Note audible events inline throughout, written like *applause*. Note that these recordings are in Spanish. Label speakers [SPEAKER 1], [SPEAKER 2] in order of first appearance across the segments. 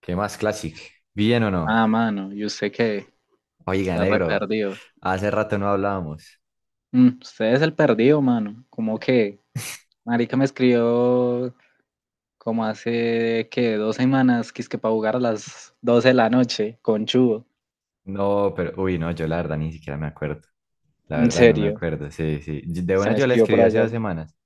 [SPEAKER 1] ¿Qué más, Classic? ¿Bien o no?
[SPEAKER 2] Ah, mano, y usted que
[SPEAKER 1] Oiga,
[SPEAKER 2] está re
[SPEAKER 1] negro,
[SPEAKER 2] perdido.
[SPEAKER 1] hace rato no hablábamos.
[SPEAKER 2] Mm, usted es el perdido, mano. ¿Cómo que, marica me escribió como hace que 2 semanas que es que para jugar a las 12 de la noche con Chugo?
[SPEAKER 1] No, pero, uy, no, yo la verdad ni siquiera me acuerdo. La
[SPEAKER 2] En
[SPEAKER 1] verdad no me
[SPEAKER 2] serio,
[SPEAKER 1] acuerdo, sí, sí. De
[SPEAKER 2] se
[SPEAKER 1] una
[SPEAKER 2] me
[SPEAKER 1] yo la
[SPEAKER 2] escribió
[SPEAKER 1] escribí
[SPEAKER 2] por
[SPEAKER 1] hace
[SPEAKER 2] allá.
[SPEAKER 1] 2 semanas.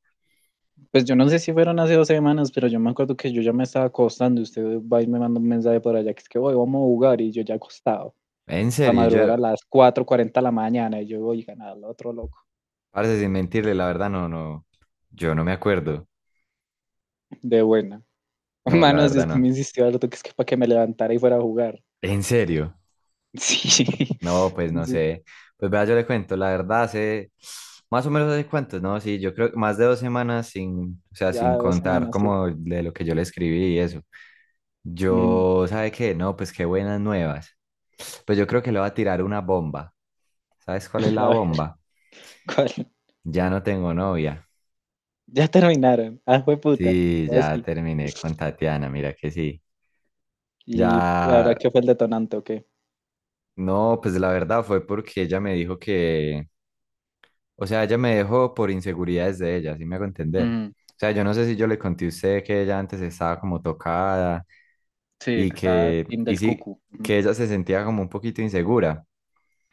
[SPEAKER 2] Pues yo no sé si fueron hace 2 semanas, pero yo me acuerdo que yo ya me estaba acostando, y usted va y me manda un mensaje por allá que es que hoy vamos a jugar y yo ya acostado.
[SPEAKER 1] En
[SPEAKER 2] Para
[SPEAKER 1] serio,
[SPEAKER 2] madrugar
[SPEAKER 1] yo,
[SPEAKER 2] a las 4:40 de la mañana y yo voy a ganar al otro loco.
[SPEAKER 1] parece sin mentirle, la verdad no, no, yo no me acuerdo.
[SPEAKER 2] De buena. *laughs*
[SPEAKER 1] No, la
[SPEAKER 2] Manos,
[SPEAKER 1] verdad
[SPEAKER 2] Dios, tú me
[SPEAKER 1] no.
[SPEAKER 2] insistió harto que es que para que me levantara y fuera a jugar.
[SPEAKER 1] En serio.
[SPEAKER 2] *laughs* Sí, sí,
[SPEAKER 1] No, pues no sé. Pues vea, yo le cuento, la verdad, hace más o menos hace cuántos, ¿no? Sí, yo creo que más de 2 semanas sin, o sea, sin
[SPEAKER 2] ya 2
[SPEAKER 1] contar
[SPEAKER 2] semanas, sí.
[SPEAKER 1] como de lo que yo le escribí y eso.
[SPEAKER 2] Ujú.
[SPEAKER 1] Yo, ¿sabe qué? No, pues qué buenas nuevas. Pues yo creo que le voy a tirar una bomba. ¿Sabes cuál es
[SPEAKER 2] *laughs* A
[SPEAKER 1] la
[SPEAKER 2] ver,
[SPEAKER 1] bomba?
[SPEAKER 2] ¿cuál?
[SPEAKER 1] Ya no tengo novia.
[SPEAKER 2] Ya terminaron. Ah, fue puta
[SPEAKER 1] Sí, ya
[SPEAKER 2] sí.
[SPEAKER 1] terminé con Tatiana, mira que sí. Ya,
[SPEAKER 2] ¿Y ahora qué fue el detonante o qué?
[SPEAKER 1] no, pues la verdad fue porque ella me dijo que, o sea, ella me dejó por inseguridades de ella, ¿sí me hago entender?
[SPEAKER 2] Mm,
[SPEAKER 1] O sea, yo no sé si yo le conté a usted que ella antes estaba como tocada
[SPEAKER 2] sí,
[SPEAKER 1] y
[SPEAKER 2] que estaba
[SPEAKER 1] que,
[SPEAKER 2] team
[SPEAKER 1] y
[SPEAKER 2] del
[SPEAKER 1] sí,
[SPEAKER 2] cucu. Ujú.
[SPEAKER 1] que ella se sentía como un poquito insegura.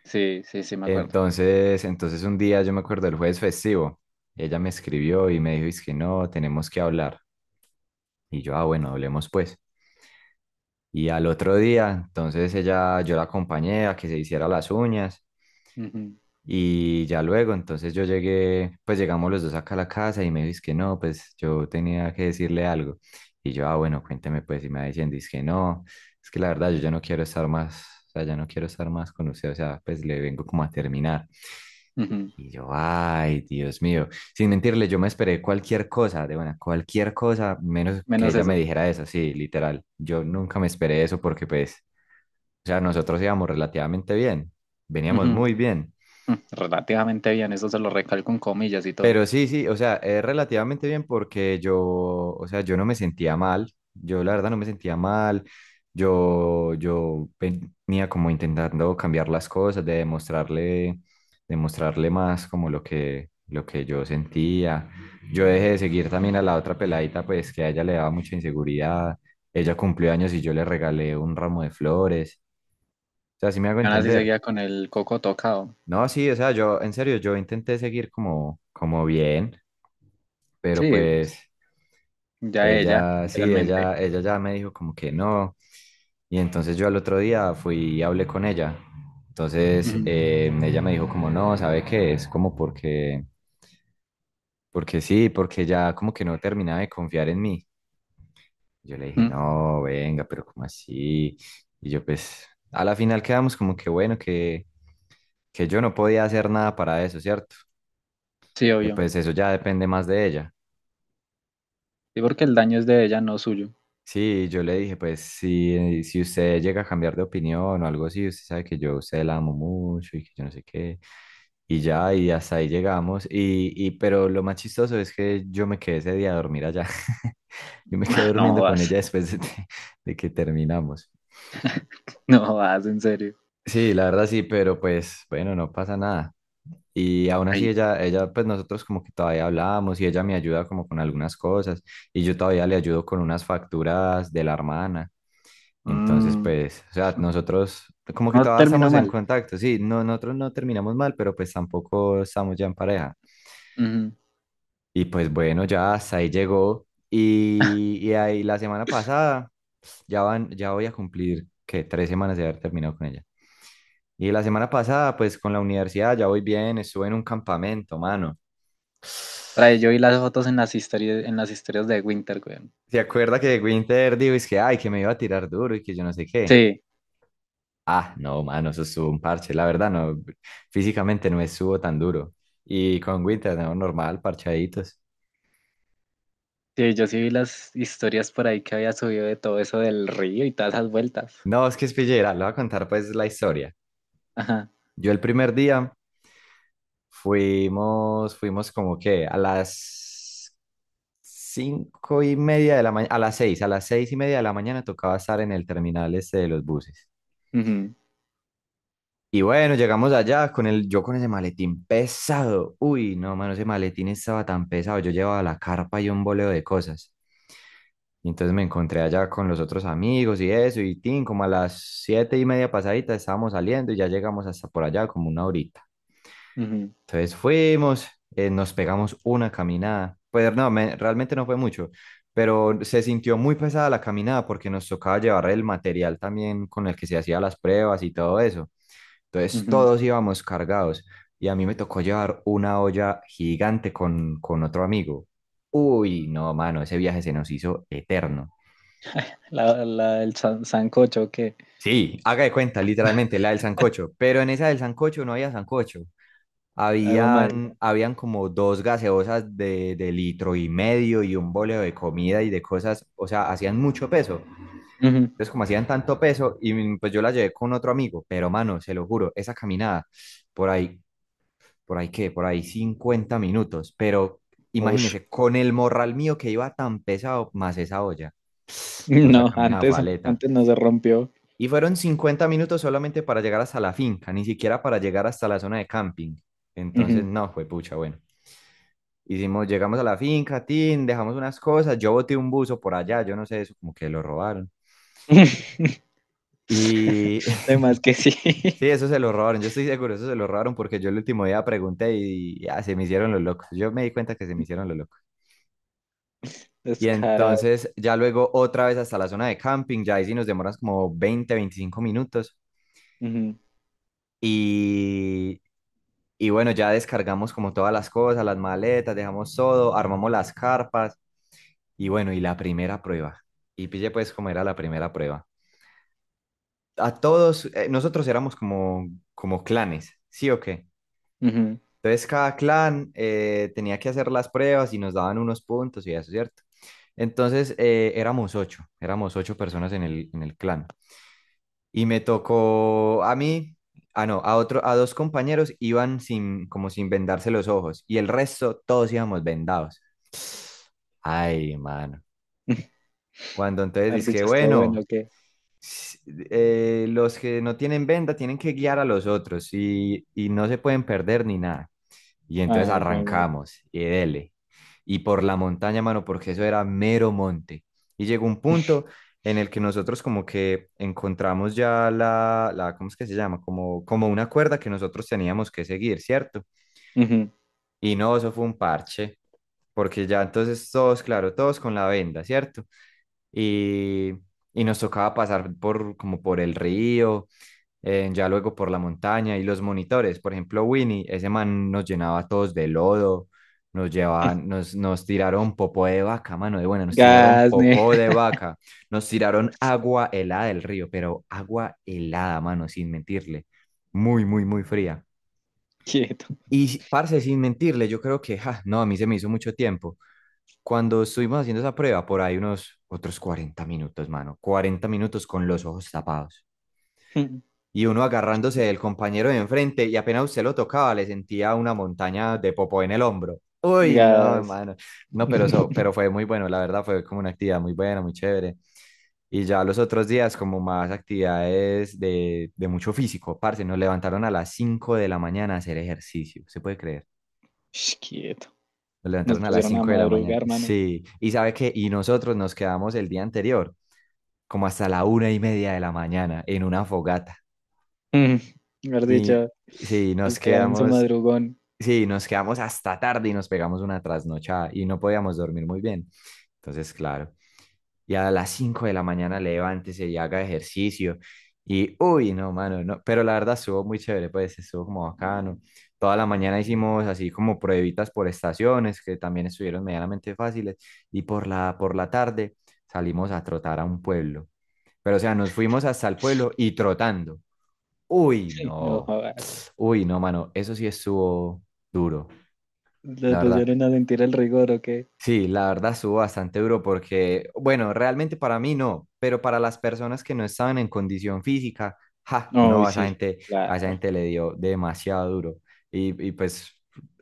[SPEAKER 2] Sí, sí, sí, me acuerdo.
[SPEAKER 1] Entonces un día yo me acuerdo del jueves festivo, ella me escribió y me dijo, es que no, tenemos que hablar. Y yo, ah, bueno, hablemos pues. Y al otro día, entonces ella, yo la acompañé a que se hiciera las uñas.
[SPEAKER 2] Ujú,
[SPEAKER 1] Y ya luego, entonces yo llegué, pues llegamos los dos acá a la casa y me dice que no, pues yo tenía que decirle algo. Y yo, ah, bueno, cuénteme pues, y me va diciendo, dice que no, es que la verdad yo ya no quiero estar más, o sea, ya no quiero estar más con usted, o sea, pues le vengo como a terminar.
[SPEAKER 2] ujú.
[SPEAKER 1] Y yo, ay, Dios mío, sin mentirle, yo me esperé cualquier cosa, de buena, cualquier cosa, menos que
[SPEAKER 2] Menos
[SPEAKER 1] ella me
[SPEAKER 2] eso.
[SPEAKER 1] dijera eso, sí, literal. Yo nunca me esperé eso porque pues, o sea, nosotros íbamos relativamente bien, veníamos
[SPEAKER 2] Ujú,
[SPEAKER 1] muy bien.
[SPEAKER 2] relativamente bien, eso se lo recalco con comillas y todo.
[SPEAKER 1] Pero sí, sí, o sea, es relativamente bien porque yo, o sea, yo no me sentía mal, yo la verdad no me sentía mal, yo venía como intentando cambiar las cosas, de demostrarle, demostrarle más como lo que yo sentía. Yo dejé de seguir también a la otra peladita, pues que a ella le daba mucha inseguridad, ella cumplió años y yo le regalé un ramo de flores, o sea, sí me hago
[SPEAKER 2] Y aún así
[SPEAKER 1] entender.
[SPEAKER 2] seguía con el coco tocado.
[SPEAKER 1] No, sí, o sea, yo, en serio, yo intenté seguir como, como bien, pero
[SPEAKER 2] Sí, pues,
[SPEAKER 1] pues...
[SPEAKER 2] ya ella,
[SPEAKER 1] Ella, sí,
[SPEAKER 2] literalmente.
[SPEAKER 1] ella ya me dijo como que no. Y entonces yo al otro día fui y hablé con ella. Entonces
[SPEAKER 2] Ujú,
[SPEAKER 1] ella me dijo como no, ¿sabe qué? Es como porque, porque sí, porque ya como que no terminaba de confiar en mí. Yo le dije,
[SPEAKER 2] mm,
[SPEAKER 1] no, venga, pero ¿como así? Y yo pues a la final quedamos como que bueno, que yo no podía hacer nada para eso, ¿cierto?
[SPEAKER 2] sí,
[SPEAKER 1] Que
[SPEAKER 2] obvio.
[SPEAKER 1] pues eso ya depende más de ella.
[SPEAKER 2] Sí, porque el daño es de ella, no suyo.
[SPEAKER 1] Sí, yo le dije, pues si, si usted llega a cambiar de opinión o algo así, usted sabe que yo a usted la amo mucho y que yo no sé qué. Y ya, y hasta ahí llegamos. Y pero lo más chistoso es que yo me quedé ese día a dormir allá. *laughs* Yo me quedé
[SPEAKER 2] *laughs* No
[SPEAKER 1] durmiendo con
[SPEAKER 2] jodas,
[SPEAKER 1] ella después de, de que terminamos.
[SPEAKER 2] no jodas, en serio.
[SPEAKER 1] Sí, la verdad sí, pero pues bueno, no pasa nada. Y aún
[SPEAKER 2] Ay,
[SPEAKER 1] así ella, pues nosotros como que todavía hablábamos y ella me ayuda como con algunas cosas y yo todavía le ayudo con unas facturas de la hermana. Entonces,
[SPEAKER 2] mm,
[SPEAKER 1] pues, o sea, nosotros como que
[SPEAKER 2] no
[SPEAKER 1] todavía
[SPEAKER 2] terminó
[SPEAKER 1] estamos en
[SPEAKER 2] mal.
[SPEAKER 1] contacto, sí, no, nosotros no terminamos mal, pero pues tampoco estamos ya en pareja.
[SPEAKER 2] Ujú.
[SPEAKER 1] Y pues bueno, ya hasta ahí llegó. Y ahí la semana pasada, ya van, ya voy a cumplir, que 3 semanas de haber terminado con ella. Y la semana pasada, pues con la universidad, ya voy bien, estuve en un campamento, mano.
[SPEAKER 2] Trae, yo vi las fotos en las historias de Winter, güey.
[SPEAKER 1] ¿Se acuerda que Winter dijo, es que, ay, que me iba a tirar duro y que yo no sé qué?
[SPEAKER 2] Sí,
[SPEAKER 1] Ah, no, mano, eso estuvo un parche. La verdad, no, físicamente no estuvo tan duro. Y con Winter, no, normal, parchaditos.
[SPEAKER 2] sí, yo sí vi las historias por ahí que había subido de todo eso del río y todas esas vueltas.
[SPEAKER 1] No, es que es pillera, le voy a contar pues la historia.
[SPEAKER 2] Ajá.
[SPEAKER 1] Yo el primer día fuimos como que a las 5:30 de la mañana, a las seis, a las 6:30 de la mañana tocaba estar en el terminal este de los buses.
[SPEAKER 2] Ujú,
[SPEAKER 1] Y bueno, llegamos allá con el, yo con ese maletín pesado. Uy, no, mano, ese maletín estaba tan pesado. Yo llevaba la carpa y un boleo de cosas. Y entonces me encontré allá con los otros amigos y eso, y tin, como a las 7:30 pasadita estábamos saliendo y ya llegamos hasta por allá como una horita.
[SPEAKER 2] ujú,
[SPEAKER 1] Entonces fuimos, nos pegamos una caminada. Pues no, realmente no fue mucho, pero se sintió muy pesada la caminada porque nos tocaba llevar el material también con el que se hacían las pruebas y todo eso. Entonces
[SPEAKER 2] ujú.
[SPEAKER 1] todos íbamos cargados y a mí me tocó llevar una olla gigante con otro amigo. Uy, no, mano, ese viaje se nos hizo eterno.
[SPEAKER 2] La del sancocho que.
[SPEAKER 1] Sí, haga de cuenta, literalmente, la del sancocho. Pero en esa del sancocho no había sancocho.
[SPEAKER 2] Ay, güey, madre.
[SPEAKER 1] Habían como dos gaseosas de litro y medio y un boleo de comida y de cosas. O sea, hacían mucho peso.
[SPEAKER 2] Ujú.
[SPEAKER 1] Entonces, como hacían tanto peso, y pues yo la llevé con otro amigo. Pero, mano, se lo juro, esa caminada, por ahí, por ahí qué, por ahí 50 minutos. Pero
[SPEAKER 2] Ush.
[SPEAKER 1] imagínese, con el morral mío que iba tan pesado, más esa olla.
[SPEAKER 2] *laughs*
[SPEAKER 1] No, esa
[SPEAKER 2] No,
[SPEAKER 1] caminada fue.
[SPEAKER 2] antes no se rompió.
[SPEAKER 1] Y fueron 50 minutos solamente para llegar hasta la finca, ni siquiera para llegar hasta la zona de camping. Entonces,
[SPEAKER 2] Ujú.
[SPEAKER 1] no, fue pucha, bueno. Hicimos, llegamos a la finca, tin, dejamos unas cosas, yo boté un buzo por allá, yo no sé, eso como que lo robaron.
[SPEAKER 2] *laughs*
[SPEAKER 1] Y
[SPEAKER 2] De más
[SPEAKER 1] *laughs*
[SPEAKER 2] que sí.
[SPEAKER 1] sí,
[SPEAKER 2] *laughs*
[SPEAKER 1] eso se lo robaron, yo estoy seguro, eso se lo robaron porque yo el último día pregunté y ya se me hicieron los locos. Yo me di cuenta que se me hicieron los locos. Y
[SPEAKER 2] Descarado.
[SPEAKER 1] entonces ya luego otra vez hasta la zona de camping, ya ahí sí nos demoras como 20, 25 minutos.
[SPEAKER 2] Ujú,
[SPEAKER 1] Y Y bueno, ya descargamos como todas las cosas, las maletas, dejamos todo, armamos las carpas y bueno, y la primera prueba. Y pille pues cómo era la primera prueba. A todos, nosotros éramos como, como clanes, ¿sí o qué?
[SPEAKER 2] ujú.
[SPEAKER 1] Entonces cada clan tenía que hacer las pruebas y nos daban unos puntos y eso, ¿cierto? Entonces éramos ocho personas en el clan. Y me tocó a mí, ah no, a otro, a dos compañeros iban sin, como sin vendarse los ojos y el resto todos íbamos vendados. Ay, mano. Cuando entonces
[SPEAKER 2] Haber
[SPEAKER 1] dije,
[SPEAKER 2] dicho: "Estuvo bueno,
[SPEAKER 1] bueno,
[SPEAKER 2] ¿o qué?".
[SPEAKER 1] s- los que no tienen venda tienen que guiar a los otros y no se pueden perder ni nada. Y entonces
[SPEAKER 2] Ay, juemad.
[SPEAKER 1] arrancamos y dele. Y por la montaña, mano, porque eso era mero monte. Y llegó un punto en el que nosotros como que encontramos ya la ¿cómo es que se llama? Como, como una cuerda que nosotros teníamos que seguir, ¿cierto?
[SPEAKER 2] Ujú.
[SPEAKER 1] Y no, eso fue un parche, porque ya entonces todos, claro, todos con la venda, ¿cierto? Y, y nos tocaba pasar por, como por el río, ya luego por la montaña y los monitores. Por ejemplo, Winnie, ese man nos llenaba a todos de lodo, nos llevaban, nos tiraron popó de vaca, mano de buena, nos tiraron
[SPEAKER 2] Gas, ne
[SPEAKER 1] popó de
[SPEAKER 2] *laughs*
[SPEAKER 1] vaca, nos tiraron agua helada del río, pero agua helada, mano, sin mentirle, muy, muy, muy fría.
[SPEAKER 2] quieto.
[SPEAKER 1] Y parce, sin mentirle, yo creo que, ja, no, a mí se me hizo mucho tiempo. Cuando estuvimos haciendo esa prueba, por ahí unos otros 40 minutos, mano, 40 minutos con los ojos tapados
[SPEAKER 2] Ujú.
[SPEAKER 1] y uno
[SPEAKER 2] Qué
[SPEAKER 1] agarrándose del
[SPEAKER 2] pereza.
[SPEAKER 1] compañero de enfrente y apenas usted lo tocaba le sentía una montaña de popó en el hombro. Uy, no,
[SPEAKER 2] Gas.
[SPEAKER 1] hermano. No, pero eso, pero
[SPEAKER 2] *laughs*
[SPEAKER 1] fue muy bueno, la verdad fue como una actividad muy buena, muy chévere. Y ya los otros días como más actividades de mucho físico, parce, nos levantaron a las 5 de la mañana a hacer ejercicio, se puede creer.
[SPEAKER 2] Ush, quieto.
[SPEAKER 1] Nos
[SPEAKER 2] Nos
[SPEAKER 1] levantaron a las
[SPEAKER 2] pusieron a
[SPEAKER 1] 5 de la mañana.
[SPEAKER 2] madrugar, mano.
[SPEAKER 1] Sí, y sabe qué, y nosotros nos quedamos el día anterior como hasta la 1:30 de la mañana en una fogata.
[SPEAKER 2] Mm, mejor
[SPEAKER 1] Y
[SPEAKER 2] dicho,
[SPEAKER 1] sí,
[SPEAKER 2] les
[SPEAKER 1] nos
[SPEAKER 2] pegaron su
[SPEAKER 1] quedamos
[SPEAKER 2] madrugón.
[SPEAKER 1] Sí, nos quedamos hasta tarde y nos pegamos una trasnochada y no podíamos dormir muy bien. Entonces, claro, y a las 5 de la mañana levántese y haga ejercicio. Y, uy, no, mano, no, pero la verdad estuvo muy chévere, pues estuvo como bacano. Toda la mañana hicimos así como pruebitas por estaciones, que también estuvieron medianamente fáciles. Y por la tarde salimos a trotar a un pueblo. Pero, o sea, nos fuimos hasta el pueblo y trotando. Uy,
[SPEAKER 2] *laughs* Ay, no
[SPEAKER 1] no,
[SPEAKER 2] jodas.
[SPEAKER 1] uy, no, mano, eso sí estuvo duro.
[SPEAKER 2] Los
[SPEAKER 1] La verdad,
[SPEAKER 2] pusieron a sentir el rigor, ¿o qué?
[SPEAKER 1] sí, la verdad subo bastante duro porque, bueno, realmente para mí no, pero para las personas que no estaban en condición física, ja, no,
[SPEAKER 2] Uy, sí,
[SPEAKER 1] a esa
[SPEAKER 2] claro.
[SPEAKER 1] gente le dio demasiado duro. Y pues,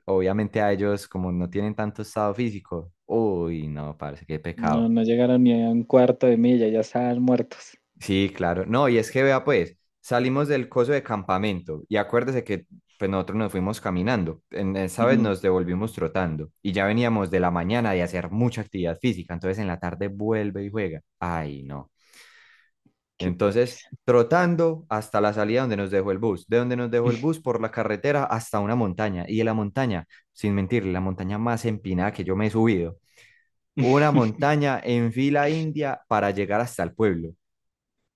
[SPEAKER 1] obviamente a ellos, como no tienen tanto estado físico, uy, no, parece qué
[SPEAKER 2] No,
[SPEAKER 1] pecado.
[SPEAKER 2] no llegaron ni a un cuarto de milla, ya estaban muertos.
[SPEAKER 1] Sí, claro. No, y es que vea, pues, salimos del coso de campamento y acuérdese que pues, nosotros nos fuimos caminando. En esa vez
[SPEAKER 2] Ujú.
[SPEAKER 1] nos devolvimos trotando y ya veníamos de la mañana de hacer mucha actividad física. Entonces en la tarde vuelve y juega. Ay, no.
[SPEAKER 2] Qué
[SPEAKER 1] Entonces,
[SPEAKER 2] pereza.
[SPEAKER 1] trotando hasta la salida donde nos dejó el bus. De donde nos dejó el bus por la carretera hasta una montaña. Y de la montaña, sin mentir, la montaña más empinada que yo me he subido. Una
[SPEAKER 2] *laughs*
[SPEAKER 1] montaña en fila india para llegar hasta el pueblo.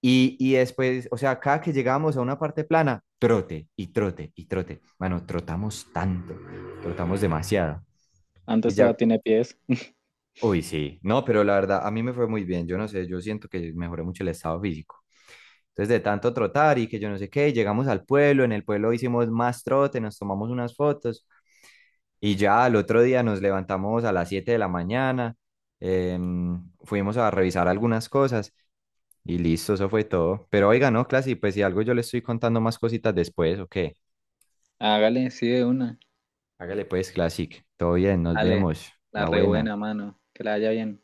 [SPEAKER 1] Y después, o sea, cada que llegábamos a una parte plana, trote y trote y trote. Bueno, trotamos tanto, trotamos demasiado. Y
[SPEAKER 2] Antes
[SPEAKER 1] ya,
[SPEAKER 2] todo tiene pies.
[SPEAKER 1] uy, sí, no, pero la verdad, a mí me fue muy bien. Yo no sé, yo siento que mejoré mucho el estado físico. Entonces, de tanto trotar y que yo no sé qué, llegamos al pueblo, en el pueblo hicimos más trote, nos tomamos unas fotos y ya al otro día nos levantamos a las 7 de la mañana, fuimos a revisar algunas cosas. Y listo, eso fue todo. Pero oiga, no, Classic, pues si algo yo le estoy contando más cositas después, ¿o qué?
[SPEAKER 2] Hágale, sí, de una.
[SPEAKER 1] Hágale pues, Classic. Todo bien, nos
[SPEAKER 2] Dale,
[SPEAKER 1] vemos.
[SPEAKER 2] la
[SPEAKER 1] La buena.
[SPEAKER 2] rebuena, mano. Que la haya bien.